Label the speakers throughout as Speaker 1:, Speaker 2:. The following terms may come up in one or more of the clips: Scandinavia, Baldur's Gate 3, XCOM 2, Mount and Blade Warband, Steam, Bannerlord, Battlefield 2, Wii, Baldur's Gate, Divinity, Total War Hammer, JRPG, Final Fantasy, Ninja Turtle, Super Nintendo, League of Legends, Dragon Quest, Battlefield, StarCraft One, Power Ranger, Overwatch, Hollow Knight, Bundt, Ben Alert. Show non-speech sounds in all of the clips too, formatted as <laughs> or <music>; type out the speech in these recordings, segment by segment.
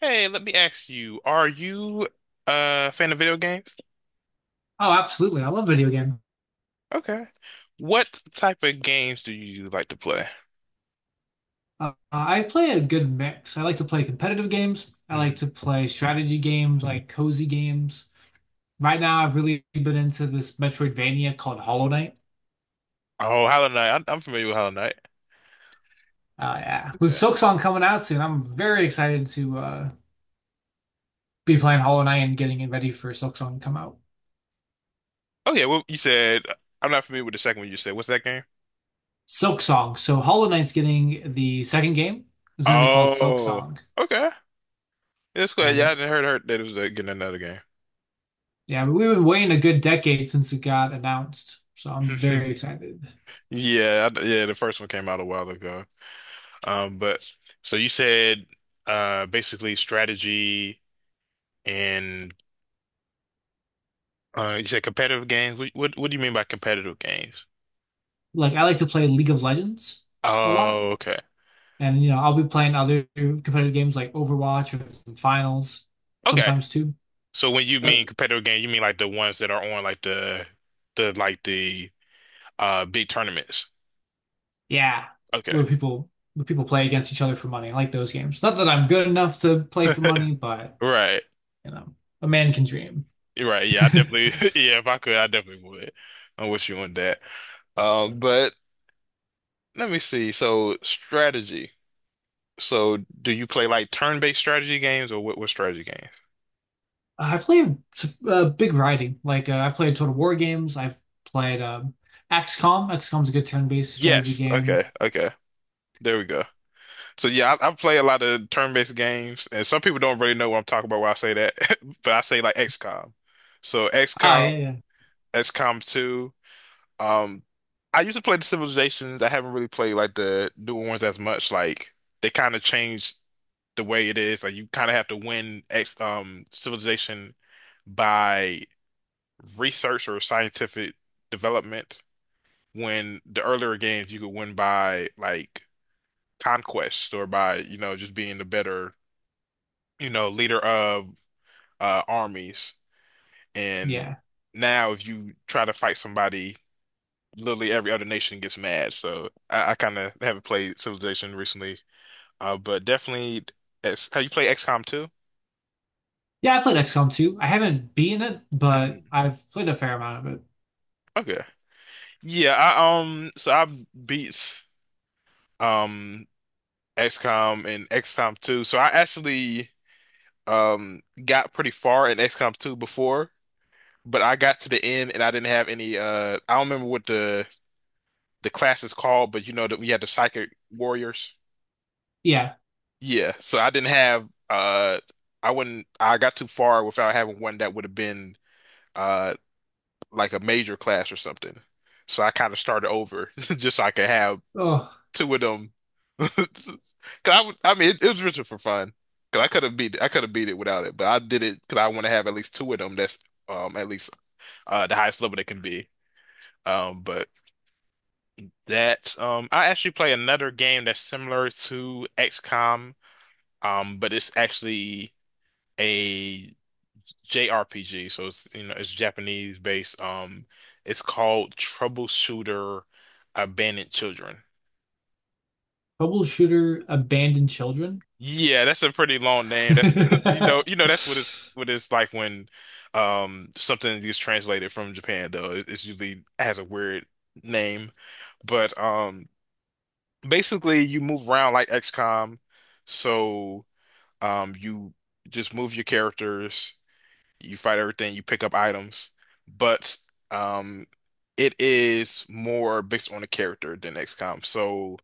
Speaker 1: Hey, let me ask you, are you a fan of video games?
Speaker 2: Oh, absolutely. I love video game.
Speaker 1: Okay. What type of games do you like to play?
Speaker 2: I play a good mix. I like to play competitive games. I like
Speaker 1: Mhm.
Speaker 2: to play strategy games, like cozy games. Right now, I've really been into this Metroidvania called Hollow Knight.
Speaker 1: Oh, Hollow Knight. I'm familiar with Hollow Knight.
Speaker 2: Yeah. With Silksong coming out soon, I'm very excited to be playing Hollow Knight and getting it ready for Silksong to come out.
Speaker 1: Okay, well, you said I'm not familiar with the second one you said. What's that game?
Speaker 2: Silksong. So Hollow Knight's getting the second game. It's going to be called
Speaker 1: Oh,
Speaker 2: Silksong.
Speaker 1: okay. That's good. Yeah, I
Speaker 2: And
Speaker 1: didn't heard that it was getting another game.
Speaker 2: yeah, we've been waiting a good decade since it got announced. So I'm very
Speaker 1: <laughs>
Speaker 2: excited.
Speaker 1: Yeah, I, yeah, the first one came out a while ago. But so you said basically strategy and you said competitive games. What do you mean by competitive games?
Speaker 2: Like I like to play League of Legends a lot.
Speaker 1: Oh, okay.
Speaker 2: And you know, I'll be playing other competitive games like Overwatch or finals
Speaker 1: Okay.
Speaker 2: sometimes too.
Speaker 1: So when you
Speaker 2: But
Speaker 1: mean competitive game, you mean like the ones that are on like the like the big tournaments.
Speaker 2: yeah,
Speaker 1: Okay.
Speaker 2: where people play against each other for money. I like those games. Not that I'm good enough to play for money,
Speaker 1: <laughs>
Speaker 2: but
Speaker 1: Right.
Speaker 2: you know, a man can dream.
Speaker 1: Right. Yeah, I definitely <laughs> yeah, if I could, I definitely would. I'm with you on that. But let me see. So strategy. So do you play like turn-based strategy games or what strategy games?
Speaker 2: I play big variety. Like I've played Total War games. I've played XCOM. XCOM's a good turn-based strategy
Speaker 1: Yes.
Speaker 2: game.
Speaker 1: Okay. Okay. There we go. So yeah, I play a lot of turn-based games, and some people don't really know what I'm talking about when I say that, <laughs> but I say like XCOM. So
Speaker 2: Ah,
Speaker 1: XCOM,
Speaker 2: yeah, yeah,
Speaker 1: XCOM 2. Um, I used to play the Civilizations. I haven't really played like the newer ones as much. Like they kind of changed the way it is. Like you kind of have to win X Civilization by research or scientific development. When the earlier games you could win by like conquest or by you know just being the better, you know, leader of armies. And
Speaker 2: yeah.
Speaker 1: now, if you try to fight somebody, literally every other nation gets mad. So I kind of haven't played Civilization recently, but definitely. Have you played XCOM too?
Speaker 2: Yeah, I played XCOM 2. I haven't beaten it, but
Speaker 1: Mhm. <clears throat>
Speaker 2: I've played a fair amount of it.
Speaker 1: Okay. Yeah, I so I beat um XCOM and XCOM 2. So I actually got pretty far in XCOM 2 before, but I got to the end and I didn't have any I don't remember what the class is called, but you know that we had the psychic warriors.
Speaker 2: Yeah.
Speaker 1: Yeah, so I didn't have I got too far without having one that would have been uh like a major class or something. So I kind of started over <laughs> just so I could have
Speaker 2: Oh,
Speaker 1: two of them. <laughs> 'Cause I mean it was richer for fun. 'Cause I could have beat it without it, but I did it 'cause I want to have at least two of them that's at least the highest level they can be. But that. I actually play another game that's similar to XCOM, but it's actually a JRPG, so it's, you know, it's Japanese based. It's called Troubleshooter Abandoned Children.
Speaker 2: troubleshooter abandoned children.
Speaker 1: Yeah, that's a pretty long name. That's <laughs>
Speaker 2: <laughs>
Speaker 1: you know that's what it's like when something gets translated from Japan though. It's usually has a weird name, but basically you move around like XCOM. So you just move your characters, you fight everything, you pick up items, but um, it is more based on the character than XCOM. So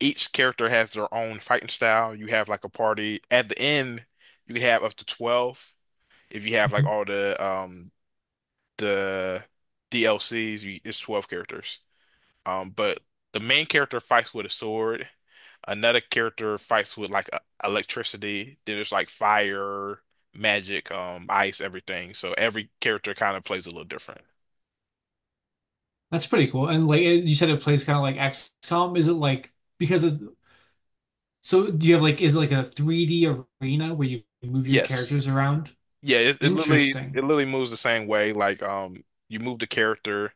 Speaker 1: each character has their own fighting style. You have like a party. At the end, you can have up to 12. If you have like all the DLCs, you, it's 12 characters. But the main character fights with a sword. Another character fights with like electricity. Then there's like fire, magic, ice, everything. So every character kind of plays a little different.
Speaker 2: That's pretty cool. And like you said, it plays kind of like XCOM. Is it like because of so do you have like is it like a 3D arena where you move your
Speaker 1: Yes.
Speaker 2: characters around?
Speaker 1: Yeah, it
Speaker 2: Interesting.
Speaker 1: literally moves the same way. Like you move the character,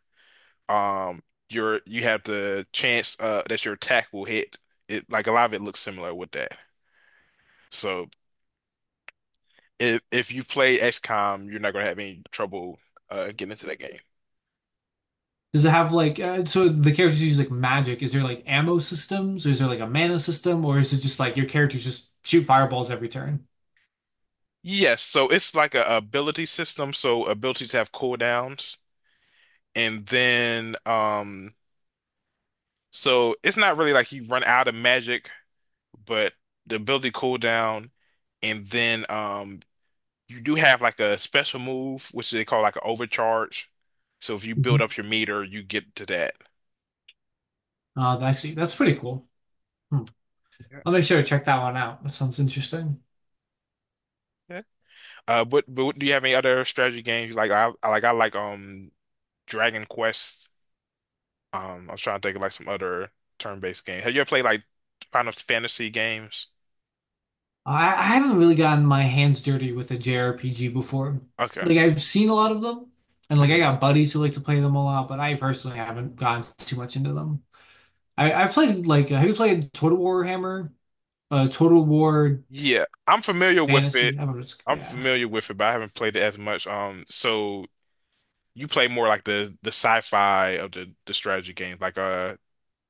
Speaker 1: um you have the chance that your attack will hit. It like a lot of it looks similar with that. So if you play XCOM, you're not gonna have any trouble getting into that game.
Speaker 2: Does it have like so the characters use like magic? Is there like ammo systems? Is there like a mana system, or is it just like your characters just shoot fireballs every turn?
Speaker 1: Yes, so it's like a ability system. So abilities have cooldowns, and then so it's not really like you run out of magic, but the ability cooldown, and then you do have like a special move, which they call like an overcharge. So if you build up your meter, you get to that.
Speaker 2: I see. That's pretty cool. Hmm.
Speaker 1: Yeah.
Speaker 2: I'll make sure to check that one out. That sounds interesting.
Speaker 1: Yeah. But do you have any other strategy games you like? I like Dragon Quest. I was trying to think of like some other turn-based game. Have you ever played like Final Fantasy games?
Speaker 2: I haven't really gotten my hands dirty with a JRPG before.
Speaker 1: Okay.
Speaker 2: Like I've seen a lot of them, and like I
Speaker 1: Mhm.
Speaker 2: got buddies who like to play them a lot, but I personally haven't gotten too much into them. I've played like have you played Total War Hammer? Total War
Speaker 1: Yeah, I'm familiar with it.
Speaker 2: Fantasy. I don't know. It's,
Speaker 1: I'm
Speaker 2: yeah.
Speaker 1: familiar with it, but I haven't played it as much. So you play more like the sci-fi of the strategy games, like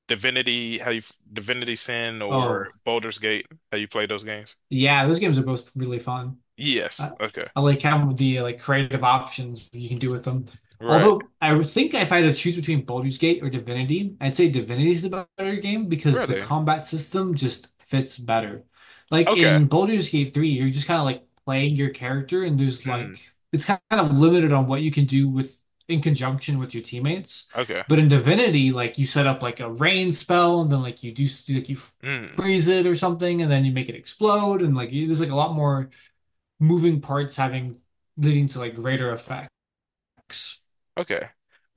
Speaker 1: Divinity, how you Divinity Sin or
Speaker 2: Oh,
Speaker 1: Baldur's Gate. How you play those games?
Speaker 2: yeah. Those games are both really fun.
Speaker 1: Yes.
Speaker 2: I,
Speaker 1: Okay.
Speaker 2: I like having the like creative options you can do with them.
Speaker 1: Right.
Speaker 2: Although I would think if I had to choose between Baldur's Gate or Divinity, I'd say Divinity is the better game because the
Speaker 1: Really?
Speaker 2: combat system just fits better. Like
Speaker 1: Okay.
Speaker 2: in Baldur's Gate 3, you're just kind of like playing your character and there's
Speaker 1: Mm.
Speaker 2: like it's kind of limited on what you can do with in conjunction with your teammates.
Speaker 1: Okay.
Speaker 2: But in Divinity, like you set up like a rain spell and then like you do like you
Speaker 1: Mm.
Speaker 2: freeze it or something and then you make it explode and like you, there's like a lot more moving parts having leading to like greater effects.
Speaker 1: Okay.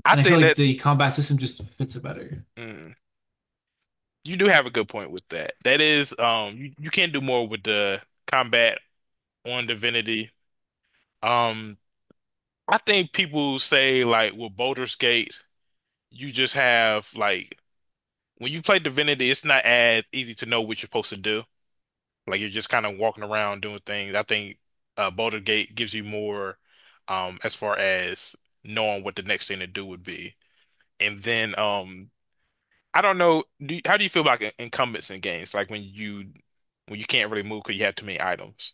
Speaker 1: I
Speaker 2: And I feel
Speaker 1: think
Speaker 2: like
Speaker 1: that.
Speaker 2: the combat system just fits it better.
Speaker 1: Mm. You do have a good point with that. That is, you can do more with the combat on Divinity. Um, I think people say like with Baldur's Gate, you just have like when you play Divinity, it's not as easy to know what you're supposed to do. Like you're just kind of walking around doing things. I think Baldur's Gate gives you more, as far as knowing what the next thing to do would be. And then, I don't know. How do you feel about incumbents in games? Like when you can't really move because you have too many items.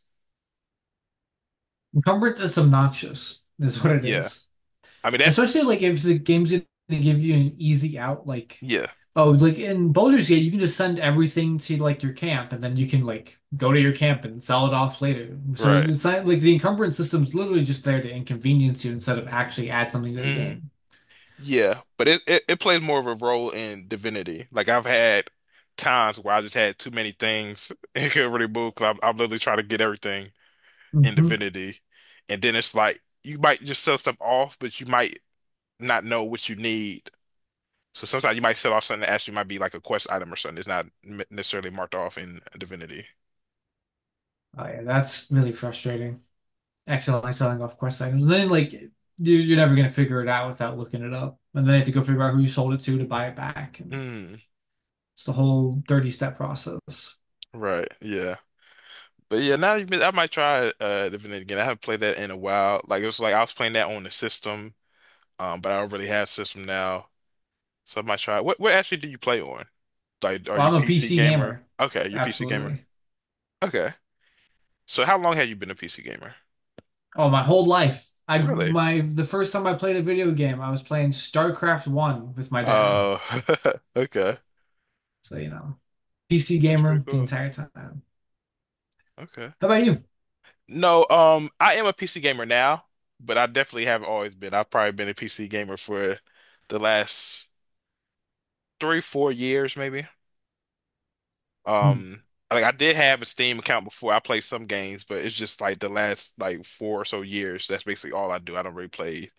Speaker 2: Encumbrance is obnoxious, is what it
Speaker 1: Yeah,
Speaker 2: is.
Speaker 1: I mean that's
Speaker 2: Especially like if the game's gonna give you an easy out, like
Speaker 1: yeah,
Speaker 2: oh, like in Baldur's Gate, you can just send everything to like your camp, and then you can like go to your camp and sell it off later. So
Speaker 1: right.
Speaker 2: it's not like the encumbrance system's literally just there to inconvenience you instead of actually add something to the
Speaker 1: Hmm.
Speaker 2: game.
Speaker 1: Yeah, but it plays more of a role in Divinity. Like I've had times where I just had too many things <laughs> and couldn't really move because I'm literally trying to get everything in
Speaker 2: Hmm.
Speaker 1: Divinity, and then it's like you might just sell stuff off, but you might not know what you need. So sometimes you might sell off something that actually might be like a quest item or something. It's not necessarily marked off in Divinity.
Speaker 2: Oh yeah, that's really frustrating. Accidentally selling off quest items. And then like are never gonna figure it out without looking it up, and then you have to go figure out who you sold it to buy it back, and
Speaker 1: Mm,
Speaker 2: it's the whole 30 step process.
Speaker 1: right. Yeah. But yeah, now you I might try Divinity again. I haven't played that in a while. Like it was like I was playing that on the system, but I don't really have system now. So I might try. What actually do you play on? Like are
Speaker 2: Well,
Speaker 1: you
Speaker 2: I'm a
Speaker 1: PC
Speaker 2: PC
Speaker 1: gamer?
Speaker 2: gamer,
Speaker 1: Okay, you're PC gamer.
Speaker 2: absolutely.
Speaker 1: Okay. So how long have you been a PC gamer?
Speaker 2: Oh, my whole life. I
Speaker 1: Really?
Speaker 2: my The first time I played a video game, I was playing StarCraft One with my dad.
Speaker 1: Oh, <laughs> okay.
Speaker 2: So you know, PC
Speaker 1: That's pretty
Speaker 2: gamer the
Speaker 1: cool.
Speaker 2: entire time.
Speaker 1: Okay.
Speaker 2: How about you?
Speaker 1: No, I am a PC gamer now, but I definitely have always been. I've probably been a PC gamer for the last three, 4 years, maybe. Um, like I did have a Steam account before. I played some games, but it's just like the last like four or so years. That's basically all I do. I don't really play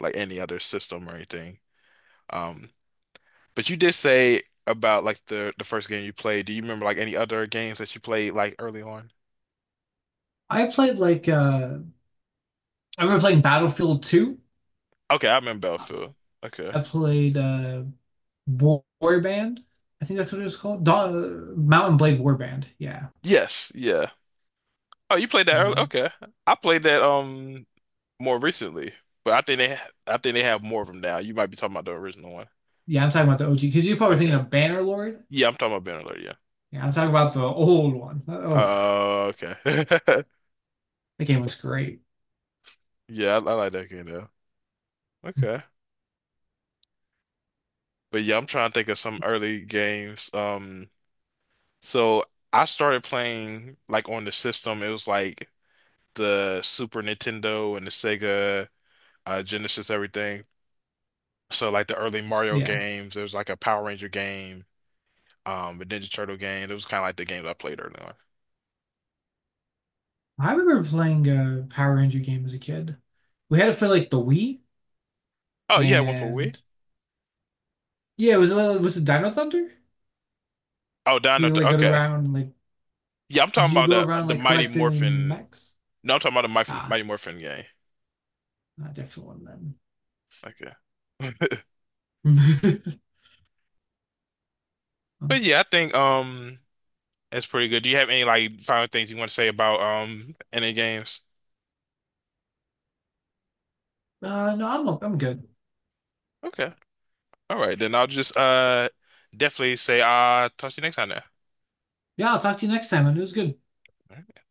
Speaker 1: like any other system or anything. Um, but you did say about like the first game you played. Do you remember like any other games that you played like early on?
Speaker 2: I played like I remember playing Battlefield 2.
Speaker 1: Okay, I remember Battlefield. Okay.
Speaker 2: I played War Warband. I think that's what it was called. Da Mountain Blade Warband. Yeah.
Speaker 1: Yes. Yeah. Oh, you played that early?
Speaker 2: Uh,
Speaker 1: Okay. I played that more recently, but I think they ha I think they have more of them now. You might be talking about the original one.
Speaker 2: yeah, I'm talking about the OG because you're probably
Speaker 1: Okay.
Speaker 2: thinking of Bannerlord.
Speaker 1: Yeah, I'm talking about Ben Alert.
Speaker 2: Yeah, I'm talking about the old one. Oh,
Speaker 1: Oh, okay. <laughs>
Speaker 2: that game was great.
Speaker 1: Yeah, I like that game though. Okay. But yeah, I'm trying to think of some early games. So I started playing like on the system. It was like the Super Nintendo and the Sega Genesis, everything. So like the early Mario
Speaker 2: Yeah.
Speaker 1: games. There was like a Power Ranger game, a Ninja Turtle game. It was kind of like the games I played early on.
Speaker 2: I remember playing a Power Ranger game as a kid. We had it for like the Wii,
Speaker 1: Oh, you had one for Wii.
Speaker 2: and yeah, it was a Dino Thunder.
Speaker 1: Oh, Dino.
Speaker 2: You like go
Speaker 1: Okay.
Speaker 2: around like
Speaker 1: Yeah, I'm
Speaker 2: Did
Speaker 1: talking
Speaker 2: you
Speaker 1: about
Speaker 2: go
Speaker 1: the
Speaker 2: around
Speaker 1: the
Speaker 2: like
Speaker 1: Mighty
Speaker 2: collecting
Speaker 1: Morphin.
Speaker 2: mechs?
Speaker 1: No, I'm talking about the
Speaker 2: Ah,
Speaker 1: Mighty Morphin game.
Speaker 2: not a different one
Speaker 1: Okay. <laughs>
Speaker 2: then.
Speaker 1: But
Speaker 2: <laughs>
Speaker 1: yeah, I think that's pretty good. Do you have any like final things you want to say about any games?
Speaker 2: No, I'm good.
Speaker 1: Okay. All right, then I'll just definitely say talk to you next time
Speaker 2: Yeah, I'll talk to you next time, and it was good.
Speaker 1: then.